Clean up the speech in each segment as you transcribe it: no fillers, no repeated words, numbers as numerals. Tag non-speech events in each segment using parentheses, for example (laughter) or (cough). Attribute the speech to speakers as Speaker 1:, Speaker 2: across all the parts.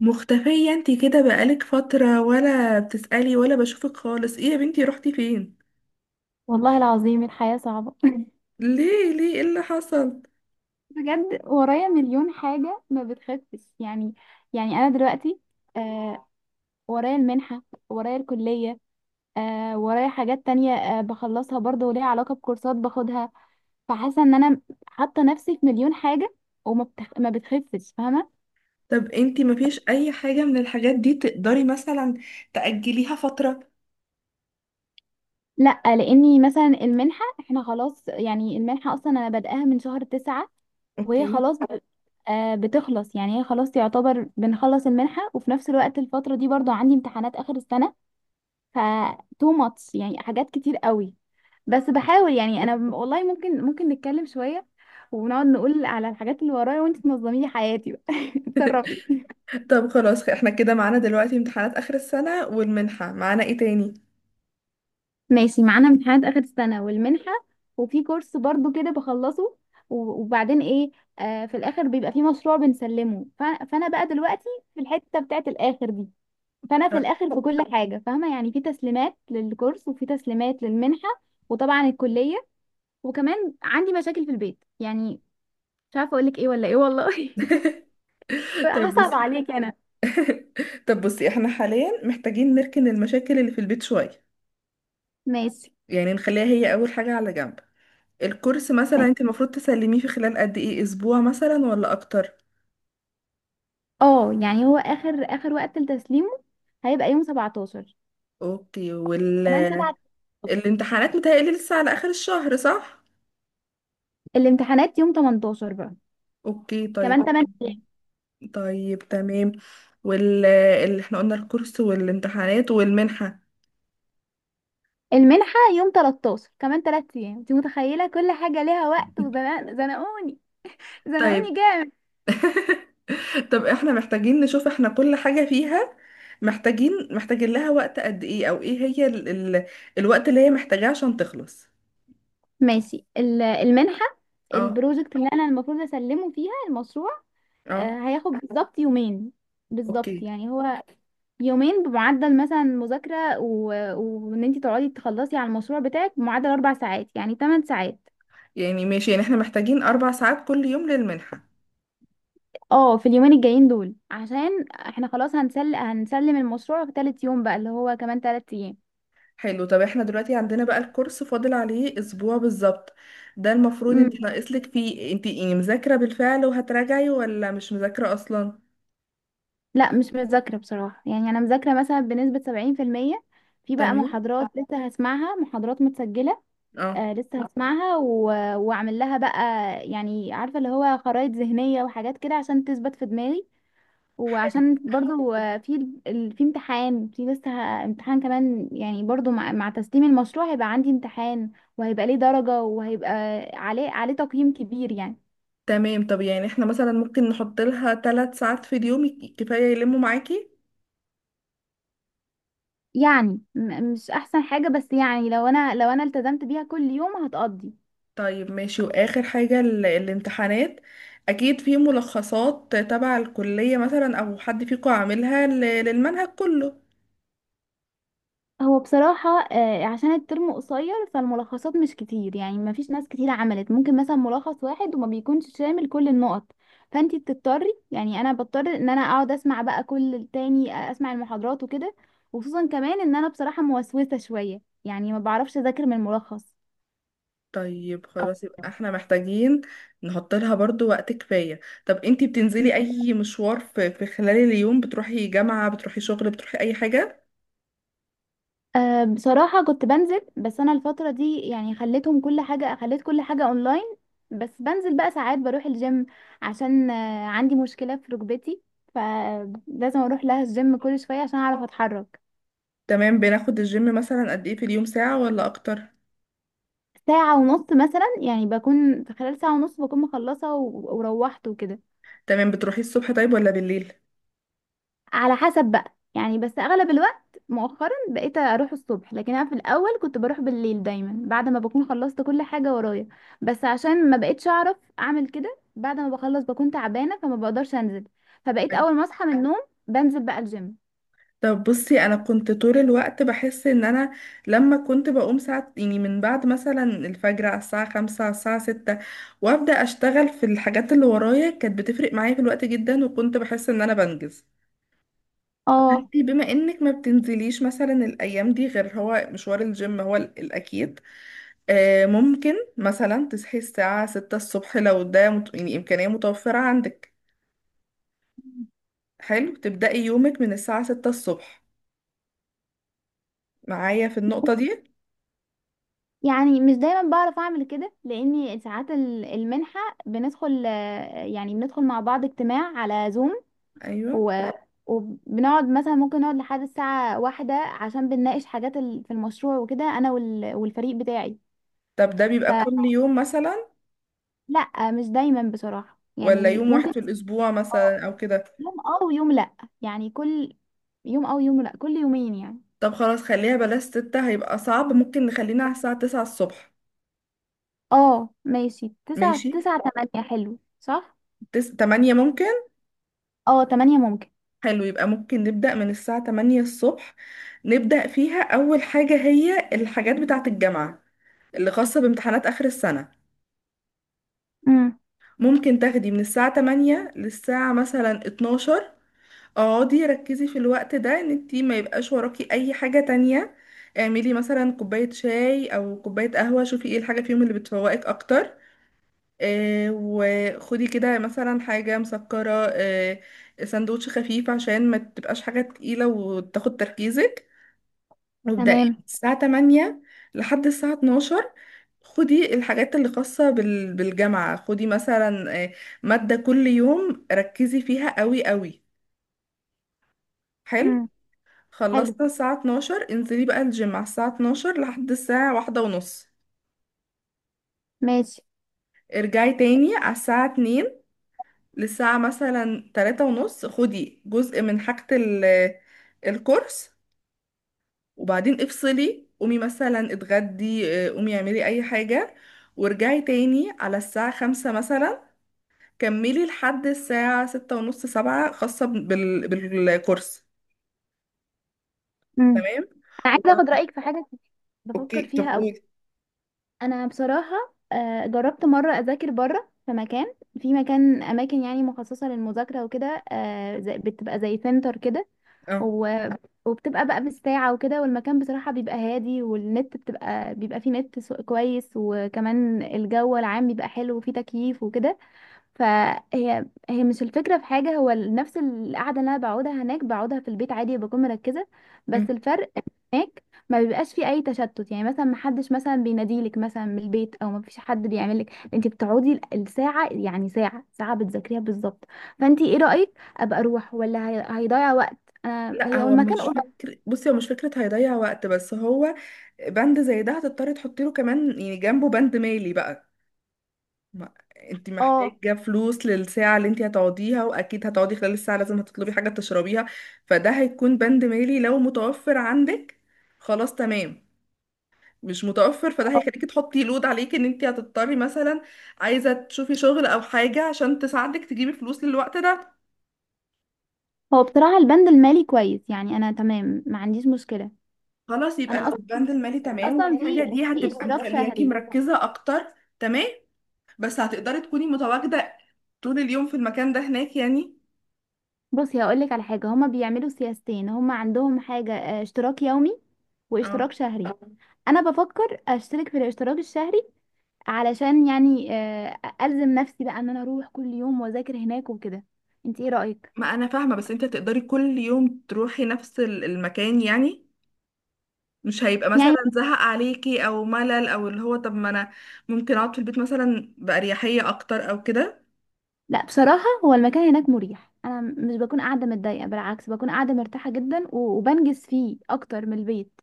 Speaker 1: مختفية انتي كده بقالك فترة ولا بتسألي ولا بشوفك خالص. ايه يا بنتي، روحتي فين؟
Speaker 2: والله العظيم الحياة صعبة. (laughs)
Speaker 1: ليه ايه اللي حصل؟
Speaker 2: بجد ورايا مليون حاجة ما بتخفش يعني أنا دلوقتي. آه ورايا المنحة، ورايا الكلية، ورايا حاجات تانية. بخلصها برضه وليها علاقة بكورسات باخدها، فحاسة إن أنا حاطة نفسي في مليون حاجة، ما بتخفش، فاهمة؟
Speaker 1: طب انتي مفيش اي حاجة من الحاجات دي تقدري مثلا تأجليها فترة؟
Speaker 2: لأ، لأني مثلا المنحة، احنا خلاص يعني المنحة أصلا أنا بادئاها من شهر تسعة، وهي
Speaker 1: اوكي.
Speaker 2: خلاص بتخلص. يعني هي خلاص يعتبر بنخلص المنحة، وفي نفس الوقت الفترة دي برضو عندي امتحانات آخر السنة. ف تو ماتش يعني، حاجات كتير قوي. بس بحاول، والله ممكن نتكلم شوية ونقعد نقول على الحاجات اللي ورايا، وانت تنظمي لي حياتي بقى. (laughs) اتصرفي.
Speaker 1: طب خلاص، احنا كده معانا دلوقتي امتحانات آخر السنة والمنحة، معانا ايه تاني؟
Speaker 2: ماشي، معانا امتحانات آخر السنة والمنحة، وفي كورس برضو كده بخلصه، وبعدين ايه؟ في الاخر بيبقى في مشروع بنسلمه. فانا بقى دلوقتي في الحتة بتاعت الاخر دي. فانا في الاخر في كل حاجه، فاهمه؟ يعني في تسليمات للكورس وفي تسليمات للمنحه، وطبعا الكليه، وكمان عندي مشاكل في البيت. يعني مش عارفه اقول لك ايه ولا ايه، والله. (laughs)
Speaker 1: طب
Speaker 2: هصعب
Speaker 1: بصي
Speaker 2: عليك انا.
Speaker 1: طب بصي، احنا حاليا محتاجين نركن المشاكل اللي في البيت شوية،
Speaker 2: ماشي،
Speaker 1: يعني نخليها هي أول حاجة على جنب. الكورس مثلا
Speaker 2: ماشي.
Speaker 1: انت المفروض تسلميه في خلال قد ايه، اسبوع مثلا ولا اكتر؟
Speaker 2: اه، يعني هو اخر اخر وقت لتسليمه هيبقى يوم 17
Speaker 1: اوكي.
Speaker 2: كمان 7.
Speaker 1: الامتحانات متهيألي لسه على آخر الشهر، صح؟
Speaker 2: الامتحانات يوم 18 بقى،
Speaker 1: اوكي، طيب.
Speaker 2: كمان 8 ايام.
Speaker 1: طيب، تمام. اللي احنا قلنا الكورس والامتحانات والمنحة.
Speaker 2: المنحه يوم 13، كمان 3 ايام. انت متخيله؟ كل حاجه ليها وقت، وزنقوني، زنقوني
Speaker 1: طيب.
Speaker 2: جامد.
Speaker 1: (laughs) طب احنا محتاجين نشوف احنا كل حاجة فيها محتاجين لها وقت قد ايه، او ايه هي ال... الوقت اللي هي محتاجاه عشان تخلص.
Speaker 2: ماشي، المنحة،
Speaker 1: اه.
Speaker 2: البروجكت اللي انا المفروض اسلمه فيها المشروع،
Speaker 1: اه.
Speaker 2: هياخد بالظبط يومين. بالظبط
Speaker 1: اوكي،
Speaker 2: يعني هو يومين بمعدل مثلا مذاكرة، وان انت تقعدي تخلصي على المشروع بتاعك بمعدل 4 ساعات، يعني 8 ساعات.
Speaker 1: يعني ماشي، يعني احنا محتاجين 4 ساعات كل يوم للمنحة.
Speaker 2: اه، في اليومين الجايين دول، عشان احنا خلاص هنسلم المشروع في تالت يوم بقى، اللي هو كمان 3 ايام.
Speaker 1: حلو. طب احنا دلوقتي عندنا بقى الكورس فاضل عليه اسبوع بالظبط، ده المفروض انت
Speaker 2: مم.
Speaker 1: ناقصلك فيه انت يعني مذاكرة بالفعل وهتراجعي ولا مش مذاكرة اصلا.
Speaker 2: لا مش مذاكرة بصراحة. يعني انا مذاكرة مثلا بنسبة 70%، في بقى
Speaker 1: تمام.
Speaker 2: محاضرات لسه هسمعها، محاضرات متسجلة.
Speaker 1: اه.
Speaker 2: لسه هسمعها واعمل لها بقى، يعني عارفه، اللي هو خرائط ذهنيه وحاجات كده عشان تثبت في دماغي.
Speaker 1: حلو.
Speaker 2: وعشان برضو (laughs) في امتحان، امتحان كمان، يعني برضو مع تسليم المشروع هيبقى عندي امتحان، وهيبقى ليه درجه، وهيبقى عليه تقييم كبير يعني.
Speaker 1: تمام. طب يعني احنا مثلا ممكن نحط لها 3 ساعات في اليوم، كفاية يلموا معاكي.
Speaker 2: مش احسن حاجه، بس يعني لو انا التزمت بيها كل يوم هتقضي.
Speaker 1: طيب، ماشي. واخر حاجة الامتحانات، اكيد في ملخصات تبع الكلية مثلا او حد فيكم عاملها للمنهج كله.
Speaker 2: هو بصراحة، عشان الترم قصير، فالملخصات مش كتير. يعني ما فيش ناس كتير عملت. ممكن مثلا ملخص واحد وما بيكونش شامل كل النقط، فانتي بتضطري، يعني انا بضطر ان انا اقعد اسمع بقى كل التاني، اسمع المحاضرات وكده. وخصوصا كمان ان انا بصراحة موسوسة شوية، يعني ما بعرفش اذاكر من
Speaker 1: طيب خلاص، يبقى احنا محتاجين نحط لها برضو وقت كفاية. طب انتي بتنزلي
Speaker 2: الملخص.
Speaker 1: اي مشوار في خلال اليوم، بتروحي جامعة، بتروحي شغل، بتروحي اي حاجة؟
Speaker 2: أه، بصراحة كنت بنزل، بس أنا الفترة دي يعني خليت كل حاجة أونلاين. بس بنزل بقى ساعات، بروح الجيم، عشان عندي مشكلة في ركبتي، فلازم أروح لها الجيم كل شوية عشان أعرف أتحرك.
Speaker 1: تمام. بناخد الجيم مثلا قد ايه في اليوم، ساعة ولا اكتر؟
Speaker 2: ساعة ونص مثلا، يعني بكون في خلال ساعة ونص بكون مخلصة وروحت وكده.
Speaker 1: تمام. بتروحي الصبح طيب ولا بالليل؟
Speaker 2: على حسب بقى، يعني بس اغلب الوقت مؤخرا بقيت اروح الصبح، لكن انا في الاول كنت بروح بالليل دايما، بعد ما بكون خلصت كل حاجه ورايا. بس عشان ما بقيتش اعرف اعمل كده، بعد ما بخلص بكون تعبانه فما بقدرش انزل، فبقيت
Speaker 1: طيب.
Speaker 2: اول ما اصحى من النوم بنزل بقى الجيم.
Speaker 1: طب بصي، انا كنت طول الوقت بحس ان انا لما كنت بقوم ساعة يعني من بعد مثلا الفجر، على الساعة 5، على الساعة 6، وابدأ اشتغل في الحاجات اللي ورايا، كانت بتفرق معايا في الوقت جدا، وكنت بحس ان انا بنجز.
Speaker 2: اه،
Speaker 1: انتي بما انك ما بتنزليش مثلا الايام دي غير هو مشوار الجيم هو الاكيد. ممكن مثلا تصحي الساعة 6 الصبح لو ده يعني امكانية متوفرة عندك. حلو، تبدأي يومك من الساعة 6 الصبح معايا في النقطة دي.
Speaker 2: يعني مش دايما بعرف اعمل كده، لاني ساعات المنحه بندخل آه، يعني بندخل مع بعض اجتماع على زوم،
Speaker 1: ايوه.
Speaker 2: و... وبنقعد مثلا، ممكن نقعد لحد الساعة واحدة، عشان بنناقش حاجات في المشروع وكده، أنا والفريق بتاعي.
Speaker 1: طب ده بيبقى
Speaker 2: فلا،
Speaker 1: كل يوم مثلا
Speaker 2: مش دايما بصراحة،
Speaker 1: ولا
Speaker 2: يعني
Speaker 1: يوم
Speaker 2: ممكن
Speaker 1: واحد في الاسبوع
Speaker 2: آه،
Speaker 1: مثلا او كده؟
Speaker 2: يوم اه ويوم لا، يعني كل يوم اه ويوم لا، كل يومين يعني.
Speaker 1: طب خلاص، خليها بلاش 6، هيبقى صعب، ممكن نخلينا على الساعة 9 الصبح.
Speaker 2: اه ماشي، تسعة،
Speaker 1: ماشي.
Speaker 2: تسعة، تمانية، حلو، صح.
Speaker 1: 8 ممكن.
Speaker 2: اه تمانية ممكن.
Speaker 1: حلو، يبقى ممكن نبدأ من الساعة 8 الصبح، نبدأ فيها أول حاجة هي الحاجات بتاعة الجامعة اللي خاصة بامتحانات آخر السنة.
Speaker 2: امم.
Speaker 1: ممكن تاخدي من الساعة 8 للساعة مثلا 12. اقعدي ركزي في الوقت ده ان انتي ما يبقاش وراكي اي حاجة تانية. اعملي مثلا كوباية شاي او كوباية قهوة، شوفي ايه الحاجة فيهم اللي بتفوقك اكتر. وخدي كده مثلا حاجة مسكرة، سندوتش خفيف عشان ما تبقاش حاجة تقيلة وتاخد تركيزك. مبدئيا من
Speaker 2: تمام.
Speaker 1: الساعة 8 لحد الساعة 12، خدي الحاجات اللي خاصة بالجامعة. خدي مثلا مادة كل يوم، ركزي فيها قوي قوي. حلو.
Speaker 2: امم. حلو.
Speaker 1: خلصنا الساعة 12، انزلي بقى الجيم على الساعة 12 لحد الساعة 1:30.
Speaker 2: ماشي.
Speaker 1: ارجعي تاني على الساعة 2 للساعة مثلا 3:30، خدي جزء من حاجة الكورس. وبعدين افصلي، قومي مثلا اتغدي، قومي اعملي اي حاجة، وارجعي تاني على الساعة 5 مثلا. كملي لحد الساعة 6:30 7 خاصة بالكورس.
Speaker 2: امم.
Speaker 1: تمام.
Speaker 2: أنا عايزة أخد
Speaker 1: وبعد...
Speaker 2: رأيك في حاجة كنت بفكر
Speaker 1: اوكي، طب
Speaker 2: فيها أوي.
Speaker 1: قولي.
Speaker 2: انا بصراحه، جربت مره اذاكر بره في مكان اماكن يعني مخصصه للمذاكره وكده، بتبقى زي سنتر كده.
Speaker 1: اه.
Speaker 2: و- وبتبقى بقى بالساعه وكده، والمكان بصراحه بيبقى هادي، والنت بيبقى فيه كويس، وكمان الجو العام بيبقى حلو، وفيه تكييف وكده. فهي مش الفكرة في حاجة. هو نفس القعدة اللي أنا بقعدها هناك بقعدها في البيت عادي، بكون مركزة،
Speaker 1: مم.
Speaker 2: بس الفرق هناك ما بيبقاش فيه أي تشتت. يعني مثلا محدش مثلا بيناديلك مثلا من البيت، أو ما فيش حد بيعملك. أنت بتقعدي الساعة، يعني ساعة ساعة بتذاكريها بالظبط. فأنت إيه رأيك؟ أبقى أروح، ولا هيضيع وقت؟ أنا
Speaker 1: لا،
Speaker 2: هي هو
Speaker 1: هو
Speaker 2: المكان
Speaker 1: مش
Speaker 2: قريب.
Speaker 1: فكر، بصي هو مش فكرة هيضيع وقت، بس هو بند زي ده هتضطري تحطي له كمان، يعني جنبه بند مالي بقى. ما انت
Speaker 2: اه.
Speaker 1: محتاجة فلوس للساعة اللي انت هتقعديها، واكيد هتقعدي خلال الساعة لازم هتطلبي حاجة تشربيها، فده هيكون بند مالي لو متوفر عندك. خلاص تمام. مش متوفر فده هيخليكي تحطي لود عليك ان انت هتضطري مثلا عايزة تشوفي شغل او حاجة عشان تساعدك تجيبي فلوس للوقت ده.
Speaker 2: هو بصراحة البند المالي كويس، يعني أنا تمام، ما عنديش مشكلة.
Speaker 1: خلاص، يبقى
Speaker 2: أنا
Speaker 1: لو
Speaker 2: أصلا،
Speaker 1: البند المالي تمام
Speaker 2: أصلا في
Speaker 1: والحاجة دي
Speaker 2: في
Speaker 1: هتبقى
Speaker 2: اشتراك
Speaker 1: مخلياكي
Speaker 2: شهري.
Speaker 1: مركزة اكتر، تمام. بس هتقدري تكوني متواجدة طول اليوم في المكان ده هناك يعني؟
Speaker 2: بصي، هقولك على حاجة، هما بيعملوا سياستين، هما عندهم حاجة، اشتراك يومي
Speaker 1: اه،
Speaker 2: واشتراك شهري. آه. انا بفكر اشترك في الاشتراك الشهري، علشان يعني الزم نفسي بقى ان انا اروح كل يوم واذاكر هناك وكده. انت ايه رأيك؟
Speaker 1: ما انا فاهمه، بس انت تقدري كل يوم تروحي نفس المكان يعني؟ مش هيبقى مثلا
Speaker 2: يعني
Speaker 1: زهق عليكي او ملل، او اللي هو طب ما انا ممكن اقعد في البيت مثلا باريحيه اكتر او كده.
Speaker 2: لا، بصراحة هو المكان هناك مريح، انا مش بكون قاعدة متضايقة، بالعكس بكون قاعدة مرتاحة جدا، وبنجز فيه اكتر من البيت.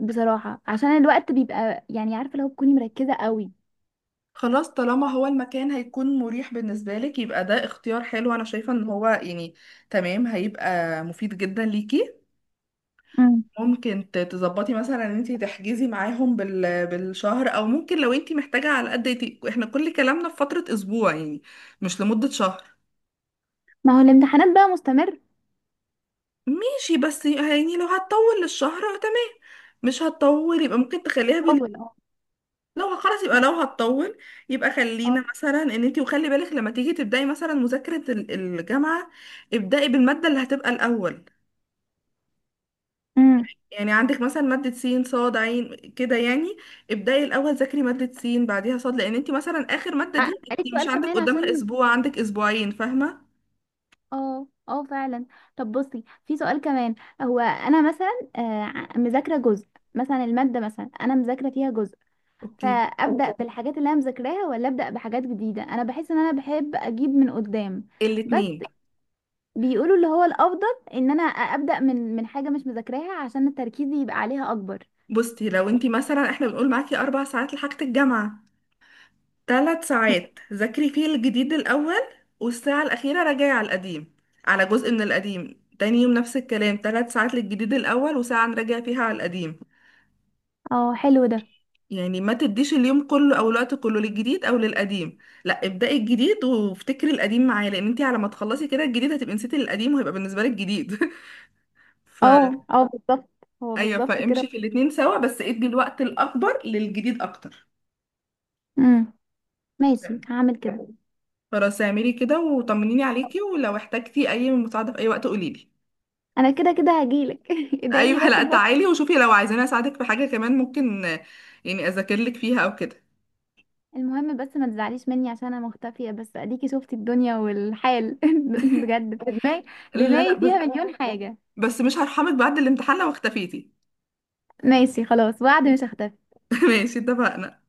Speaker 2: بصراحة عشان الوقت بيبقى، يعني عارفة، لو بتكوني مركزة قوي.
Speaker 1: خلاص، طالما هو المكان هيكون مريح بالنسبه لك، يبقى ده اختيار حلو، انا شايفه ان هو يعني تمام، هيبقى مفيد جدا ليكي.
Speaker 2: مم.
Speaker 1: ممكن تظبطي مثلا ان انت تحجزي معاهم بالشهر، او ممكن لو انت محتاجه على قد احنا كل كلامنا في فتره اسبوع يعني، مش لمده شهر.
Speaker 2: ما هو الامتحانات بقى مستمر
Speaker 1: ماشي، بس يعني لو هتطول للشهر، تمام. مش هتطول يبقى ممكن تخليها
Speaker 2: طول، اه.
Speaker 1: لو خلاص يبقى
Speaker 2: ما أنا-
Speaker 1: لو هتطول، يبقى
Speaker 2: أه.
Speaker 1: خلينا مثلا ان انت، وخلي بالك لما تيجي تبداي مثلا مذاكرة الجامعة، ابداي بالمادة اللي هتبقى الاول.
Speaker 2: امم.
Speaker 1: يعني عندك مثلا مادة سين صاد عين كده يعني، ابداي الاول ذاكري مادة سين بعديها صاد، لان انت مثلا اخر مادة دي
Speaker 2: قالت
Speaker 1: انت مش
Speaker 2: سؤال
Speaker 1: عندك
Speaker 2: كمان
Speaker 1: قدامها
Speaker 2: عشان،
Speaker 1: اسبوع، عندك اسبوعين، فاهمة؟
Speaker 2: اه اه، فعلا. طب بصي، في سؤال كمان. هو انا مثلا مذاكره جزء، مثلا الماده مثلا انا مذاكره فيها جزء،
Speaker 1: اوكي.
Speaker 2: فابدا بالحاجات اللي انا مذاكراها، ولا ابدا بحاجات جديده؟ انا بحس ان انا بحب اجيب من قدام، بس
Speaker 1: الاتنين.
Speaker 2: بيقولوا اللي هو الافضل ان انا ابدا من حاجه مش مذاكراها عشان التركيز يبقى عليها اكبر.
Speaker 1: بصي، لو انت مثلا احنا بنقول معاكي 4 ساعات لحاجة الجامعة، 3 ساعات ذاكري فيه الجديد الأول، والساعة الأخيرة راجعي على القديم، على جزء من القديم. تاني يوم نفس الكلام، 3 ساعات للجديد الأول وساعة نراجع فيها على القديم.
Speaker 2: اه حلو ده.
Speaker 1: يعني ما تديش اليوم كله أو الوقت كله للجديد أو للقديم، لا ابدأي الجديد وافتكري القديم معاه، لأن انتي على ما تخلصي كده الجديد هتبقي نسيتي القديم وهيبقى بالنسبة لك جديد. (laughs) ف
Speaker 2: اه اه بالظبط، هو
Speaker 1: أيوه،
Speaker 2: بالظبط
Speaker 1: فامشي
Speaker 2: كده.
Speaker 1: في الاتنين سوا، بس ادي الوقت الأكبر للجديد أكتر.
Speaker 2: امم، ماشي، هعمل كده.
Speaker 1: خلاص اعملي كده، وطمنيني عليكي، ولو احتجتي أي مساعدة في أي وقت قوليلي.
Speaker 2: انا كده كده هجيلك. (laughs) ادعيلي
Speaker 1: ايوه،
Speaker 2: بس
Speaker 1: لا
Speaker 2: الفترة.
Speaker 1: تعالي وشوفي، لو عايزاني اساعدك في حاجه كمان ممكن، يعني اذاكر لك فيها او كده.
Speaker 2: المهم بس ما تزعليش مني عشان انا مختفية، بس اديكي شفتي الدنيا والحال. (laughs) بجد، دماغي
Speaker 1: لا لا
Speaker 2: دماغي
Speaker 1: بس
Speaker 2: فيها مليون حاجة.
Speaker 1: بس مش هرحمك بعد الامتحان لو اختفيتي.
Speaker 2: ماشي خلاص، وعد، مش هختفي.
Speaker 1: (laughs) ماشي، اتفقنا.